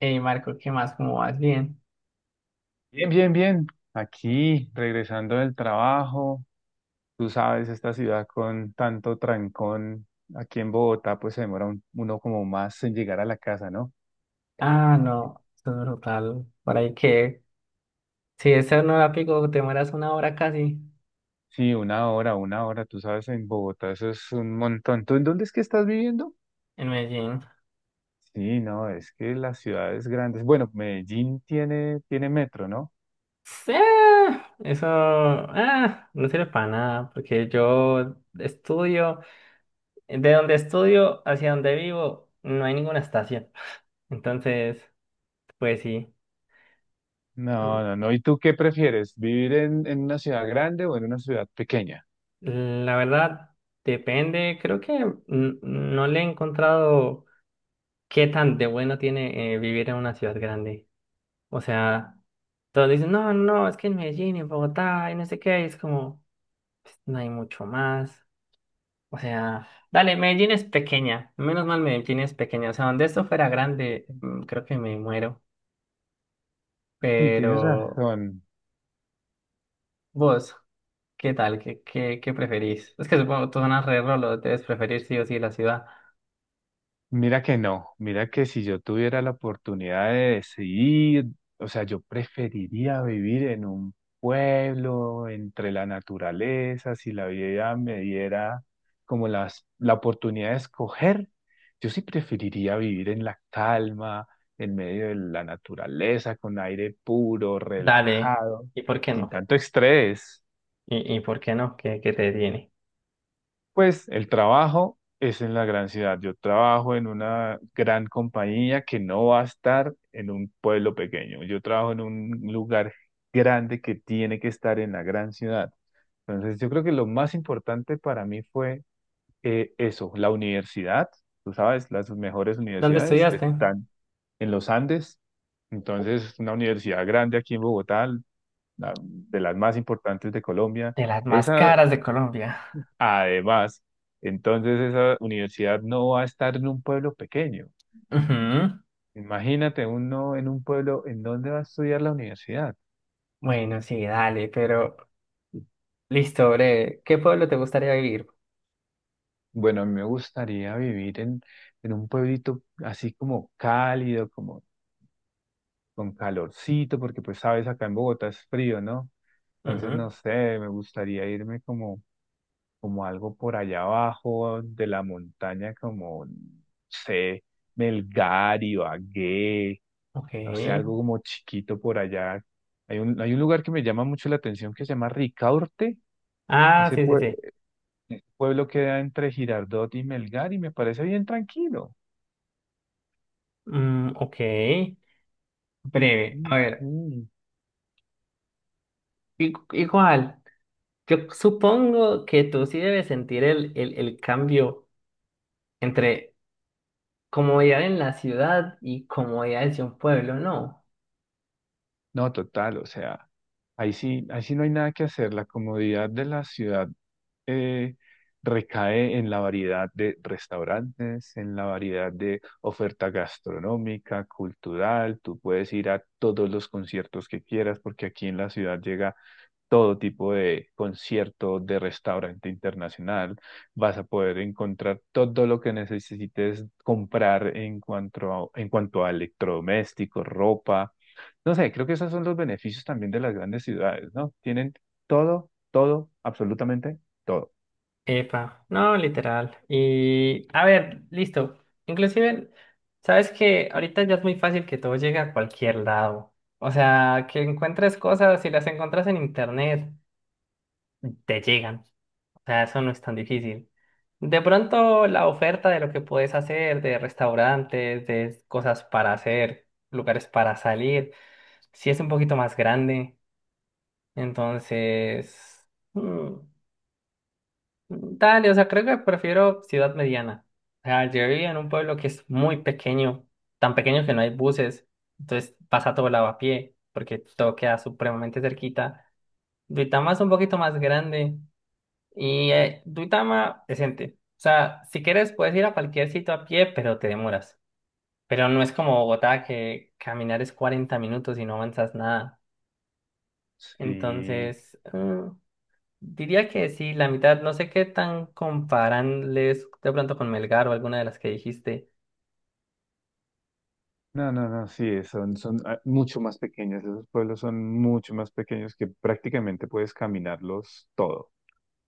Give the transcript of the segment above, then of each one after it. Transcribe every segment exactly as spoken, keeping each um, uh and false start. Hey Marco, ¿qué más? ¿Cómo vas? Bien. Bien, bien, bien. Aquí, regresando del trabajo, tú sabes, esta ciudad con tanto trancón, aquí en Bogotá, pues se demora un- uno como más en llegar a la casa, ¿no? Ah, no, esto es brutal. Por ahí que, si ese no era pico, te mueras una hora casi Sí, una hora, una hora, tú sabes, en Bogotá eso es un montón. ¿Tú en dónde es que estás viviendo? en Medellín. Sí, no, es que las ciudades grandes, bueno, Medellín tiene, tiene metro, ¿no? Sí, eso ah, no sirve para nada, porque yo estudio, de donde estudio hacia donde vivo, no hay ninguna estación. Entonces, pues sí, No, no, no. ¿Y tú qué prefieres? ¿Vivir en, en una ciudad grande o en una ciudad pequeña? la verdad depende, creo que n- no le he encontrado qué tan de bueno tiene eh, vivir en una ciudad grande. O sea... Todos dicen, no, no, es que en Medellín, en Bogotá, y no sé qué, y es como, pues, no hay mucho más. O sea, dale, Medellín es pequeña, menos mal Medellín es pequeña. O sea, donde esto fuera grande, mm, creo que me muero. Sí, tienes Pero razón. vos, ¿qué tal? ¿Qué, qué, qué preferís? Es que supongo que tú zonas re rolo, debes preferir sí o sí la ciudad. Mira que no, mira que si yo tuviera la oportunidad de decidir, o sea, yo preferiría vivir en un pueblo, entre la naturaleza, si la vida me diera como las, la oportunidad de escoger, yo sí preferiría vivir en la calma, en medio de la naturaleza, con aire puro, Dale, relajado, ¿y por qué sin no? tanto estrés. ¿Y, y por qué no? ¿Qué, qué te tiene? Pues el trabajo es en la gran ciudad. Yo trabajo en una gran compañía que no va a estar en un pueblo pequeño. Yo trabajo en un lugar grande que tiene que estar en la gran ciudad. Entonces, yo creo que lo más importante para mí fue eh, eso, la universidad. Tú sabes, las mejores ¿Dónde universidades estudiaste? están en los Andes. Entonces, una universidad grande aquí en Bogotá, la- de las más importantes de Colombia. De las más Esa caras de Colombia. Además, entonces esa universidad no va a estar en un pueblo pequeño. Ujú. Imagínate uno en un pueblo, ¿en dónde va a estudiar la universidad? Bueno, sí, dale, pero listo, breve. ¿Qué pueblo te gustaría vivir? Bueno, a mí me gustaría vivir en, en un pueblito así como cálido, como con calorcito, porque pues sabes, acá en Bogotá es frío, ¿no? Entonces, Ujú. no sé, me gustaría irme como, como algo por allá abajo de la montaña, como, no sé, Melgar, Ibagué, no sé, Ok. algo como chiquito por allá. Hay un, hay un lugar que me llama mucho la atención que se llama Ricaurte. Ah, Ese, sí, sí, pue- sí. ese pueblo queda entre Girardot y Melgar y me parece bien tranquilo. Mm, ok. Breve. A ver, Ujú. i- igual, yo supongo que tú sí debes sentir el, el, el cambio entre comodidad en la ciudad y comodidad de un pueblo, ¿no? No, total, o sea, ahí sí, ahí sí no hay nada que hacer. La comodidad de la ciudad eh, recae en la variedad de restaurantes, en la variedad de oferta gastronómica, cultural. Tú puedes ir a todos los conciertos que quieras, porque aquí en la ciudad llega todo tipo de concierto, de restaurante internacional. Vas a poder encontrar todo lo que necesites comprar en cuanto a, en cuanto a electrodomésticos, ropa. No sé, creo que esos son los beneficios también de las grandes ciudades, ¿no? Tienen todo, todo, absolutamente todo. Epa, no, literal. Y a ver, listo. Inclusive, sabes que ahorita ya es muy fácil que todo llegue a cualquier lado. O sea, que encuentres cosas, si las encuentras en internet, te llegan. O sea, eso no es tan difícil. De pronto, la oferta de lo que puedes hacer, de restaurantes, de cosas para hacer, lugares para salir, sí es un poquito más grande. Entonces, mm, dale, o sea, creo que prefiero ciudad mediana. O sea, yo vivía en un pueblo que es muy pequeño, tan pequeño que no hay buses, entonces pasa todo lado a pie, porque todo queda supremamente cerquita. Duitama es un poquito más grande y eh, Duitama decente. O sea, si quieres puedes ir a cualquier sitio a pie, pero te demoras. Pero no es como Bogotá que caminar es cuarenta minutos y no avanzas nada. Sí. Entonces, mm, diría que sí, la mitad, no sé qué tan comparanles de pronto con Melgar o alguna de las que dijiste, No, no, no, sí, son, son ah, mucho más pequeños, esos pueblos son mucho más pequeños que prácticamente puedes caminarlos todo, o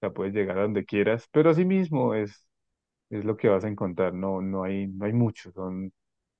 sea, puedes llegar a donde quieras, pero así mismo es es lo que vas a encontrar. No, no hay, no hay mucho, son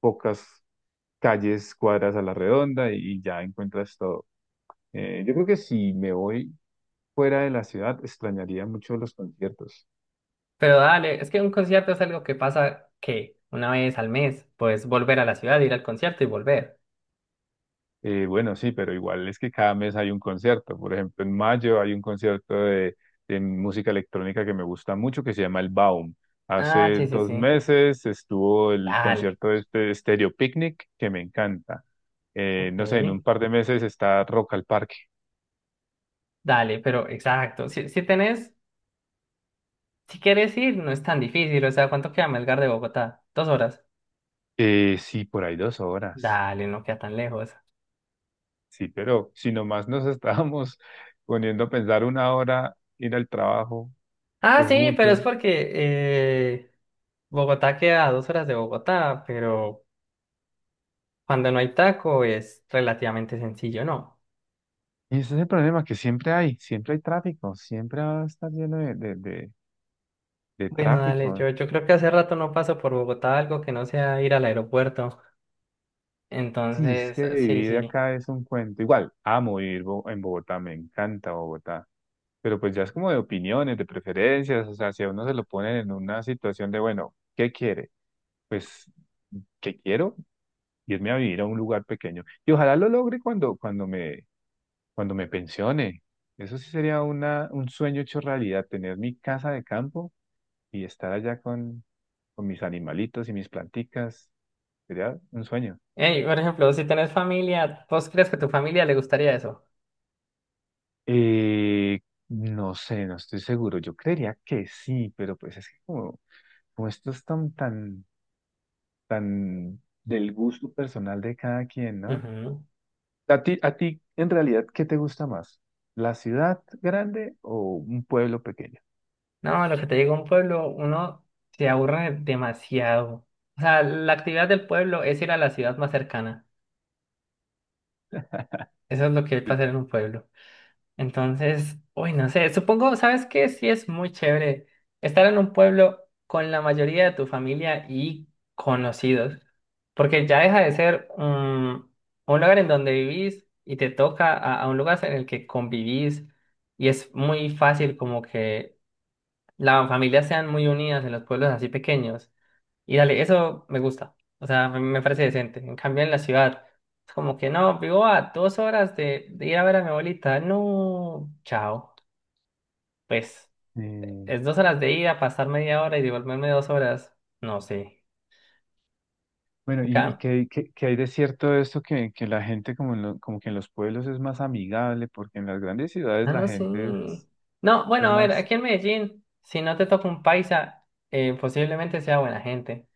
pocas calles, cuadras a la redonda y, ya encuentras todo. Eh, yo creo que si me voy fuera de la ciudad, extrañaría mucho los conciertos. pero dale, es que un concierto es algo que pasa que una vez al mes, pues volver a la ciudad, ir al concierto y volver. Eh, bueno, sí, pero igual es que cada mes hay un concierto. Por ejemplo, en mayo hay un concierto de, de música electrónica que me gusta mucho que se llama el Baum. Ah, Hace sí, sí, dos sí, meses estuvo el dale, concierto de este Stereo Picnic que me encanta eh, ok, no sé, en un par de meses está Rock al Parque. dale, pero exacto, si, si tenés, si quieres ir, no es tan difícil, o sea, ¿cuánto queda Melgar de Bogotá? ¿Dos horas? Eh, sí, por ahí dos horas. Dale, no queda tan lejos. Sí, pero si nomás nos estábamos poniendo a pensar una hora, ir al trabajo, Ah, es sí, pero es mucho. porque eh, Bogotá queda a dos horas de Bogotá, pero cuando no hay taco es relativamente sencillo, ¿no? Y ese es el problema que siempre hay, siempre hay tráfico, siempre va a estar lleno de, de, de, de Bueno, dale, tráfico. yo, yo creo que hace rato no paso por Bogotá algo que no sea ir al aeropuerto. Sí, es Entonces, que sí, vivir sí. acá es un cuento. Igual, amo vivir Bo- en Bogotá, me encanta Bogotá. Pero pues ya es como de opiniones, de preferencias, o sea, si a uno se lo ponen en una situación de, bueno, ¿qué quiere? Pues, ¿qué quiero? Irme a vivir a un lugar pequeño. Y ojalá lo logre cuando, cuando me, cuando me pensione. Eso sí sería una, un sueño hecho realidad, tener mi casa de campo y estar allá con, con mis animalitos y mis planticas. Sería un sueño. Ey, por ejemplo, si tenés familia, ¿vos crees que a tu familia le gustaría eso? Eh, no sé, no estoy seguro. Yo creería que sí, pero pues es que como, como esto es tan, tan, tan del gusto personal de cada quien, ¿no? Ujú. A ti, a ti, en realidad, ¿qué te gusta más? ¿La ciudad grande o un pueblo pequeño? No, lo que te digo, un pueblo, uno se aburre demasiado. O sea, la actividad del pueblo es ir a la ciudad más cercana. Eso es lo que hay para hacer en un pueblo. Entonces, uy, no sé, supongo, ¿sabes qué? Sí es muy chévere estar en un pueblo con la mayoría de tu familia y conocidos, porque ya deja de ser mm, un lugar en donde vivís y te toca a, a un lugar en el que convivís y es muy fácil como que las familias sean muy unidas en los pueblos así pequeños. Y dale, eso me gusta. O sea, me, me parece decente. En cambio, en la ciudad, es como que no, vivo a dos horas de, de ir a ver a mi abuelita. No, chao. Pues Eh, es dos horas de ida, pasar media hora y devolverme dos horas. No sé. bueno, En ¿y, y cam- qué, qué- qué hay de cierto de esto que, que, la gente como, en lo- como que en los pueblos es más amigable, porque en las grandes ciudades Ah, la no sé. gente es, No, es bueno, a ver, más aquí en Medellín, si no te toca un paisa, eh, posiblemente sea buena gente.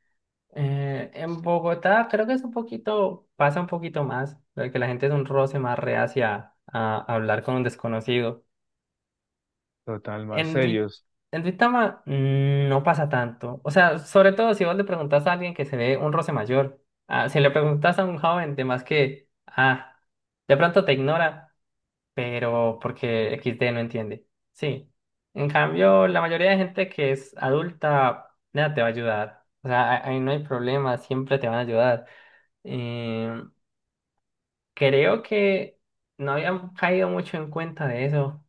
Eh, en Bogotá creo que es un poquito, pasa un poquito más, porque la gente es un roce más reacia a a hablar con un desconocido. total, más En, serio. Dui- en Duitama mm, no pasa tanto. O sea, sobre todo si vos le preguntas a alguien que se ve un roce mayor. Ah, si le preguntas a un joven, de más que, ah, de pronto te ignora, pero porque equis de no entiende. Sí. En cambio, la mayoría de gente que es adulta, nada, te va a ayudar. O sea, a- ahí no hay problema, siempre te van a ayudar. Eh, Creo que no habían caído mucho en cuenta de eso.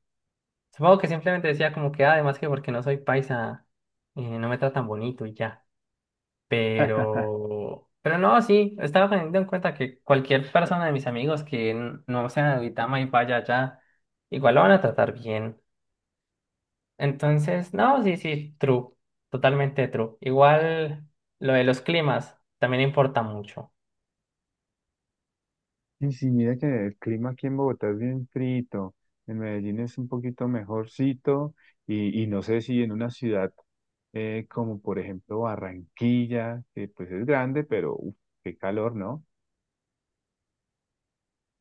Supongo que simplemente decía como que, "Ah, además que porque no soy paisa, eh, no me tratan bonito y ya." Pero, pero no, sí, estaba teniendo en cuenta que cualquier persona de mis amigos que n- no sea de Duitama y vaya allá, igual lo van a tratar bien. Entonces, no, sí, sí, true, totalmente true. Igual lo de los climas también importa mucho. Y sí, mira que el clima aquí en Bogotá es bien frito, en Medellín es un poquito mejorcito y, y no sé si en una ciudad eh, como por ejemplo Barranquilla, que pues es grande, pero uf, qué calor, ¿no?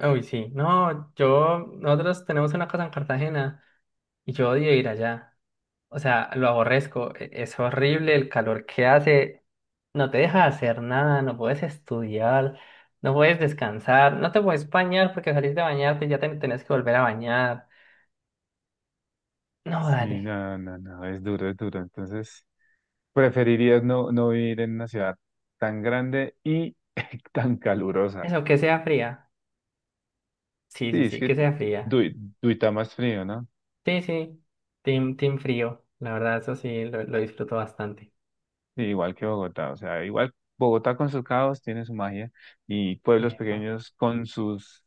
Uy, sí, no, yo, nosotros tenemos una casa en Cartagena y yo odio ir allá. O sea, lo aborrezco, e- es horrible el calor que hace, no te deja hacer nada, no puedes estudiar, no puedes descansar, no te puedes bañar porque salís de bañarte y ya te tenés que volver a bañar. No, dale, Sí, no, no, no, es duro, es duro. Entonces, preferirías no, no vivir en una ciudad tan grande y tan calurosa. eso, que sea fría. Sí, sí, Sí, es sí, que que sea fría. Dui- Duitama es frío, ¿no? Sí, sí, team, team frío, la verdad, eso sí, lo, lo disfruto bastante. Sí, igual que Bogotá, o sea, igual Bogotá con sus caos tiene su magia y pueblos Epa, pequeños con sus,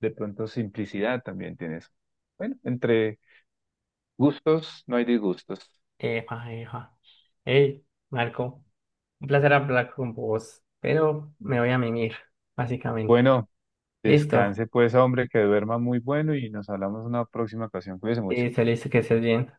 de pronto, simplicidad también tiene su. Bueno, entre gustos no hay disgustos. epa, epa. Hey, Marco, un placer hablar con vos, pero me voy a mimir, básicamente. Bueno, Listo. descanse pues, hombre, que duerma muy bueno y nos hablamos en una próxima ocasión. Cuídese mucho. Y se le dice que estés bien.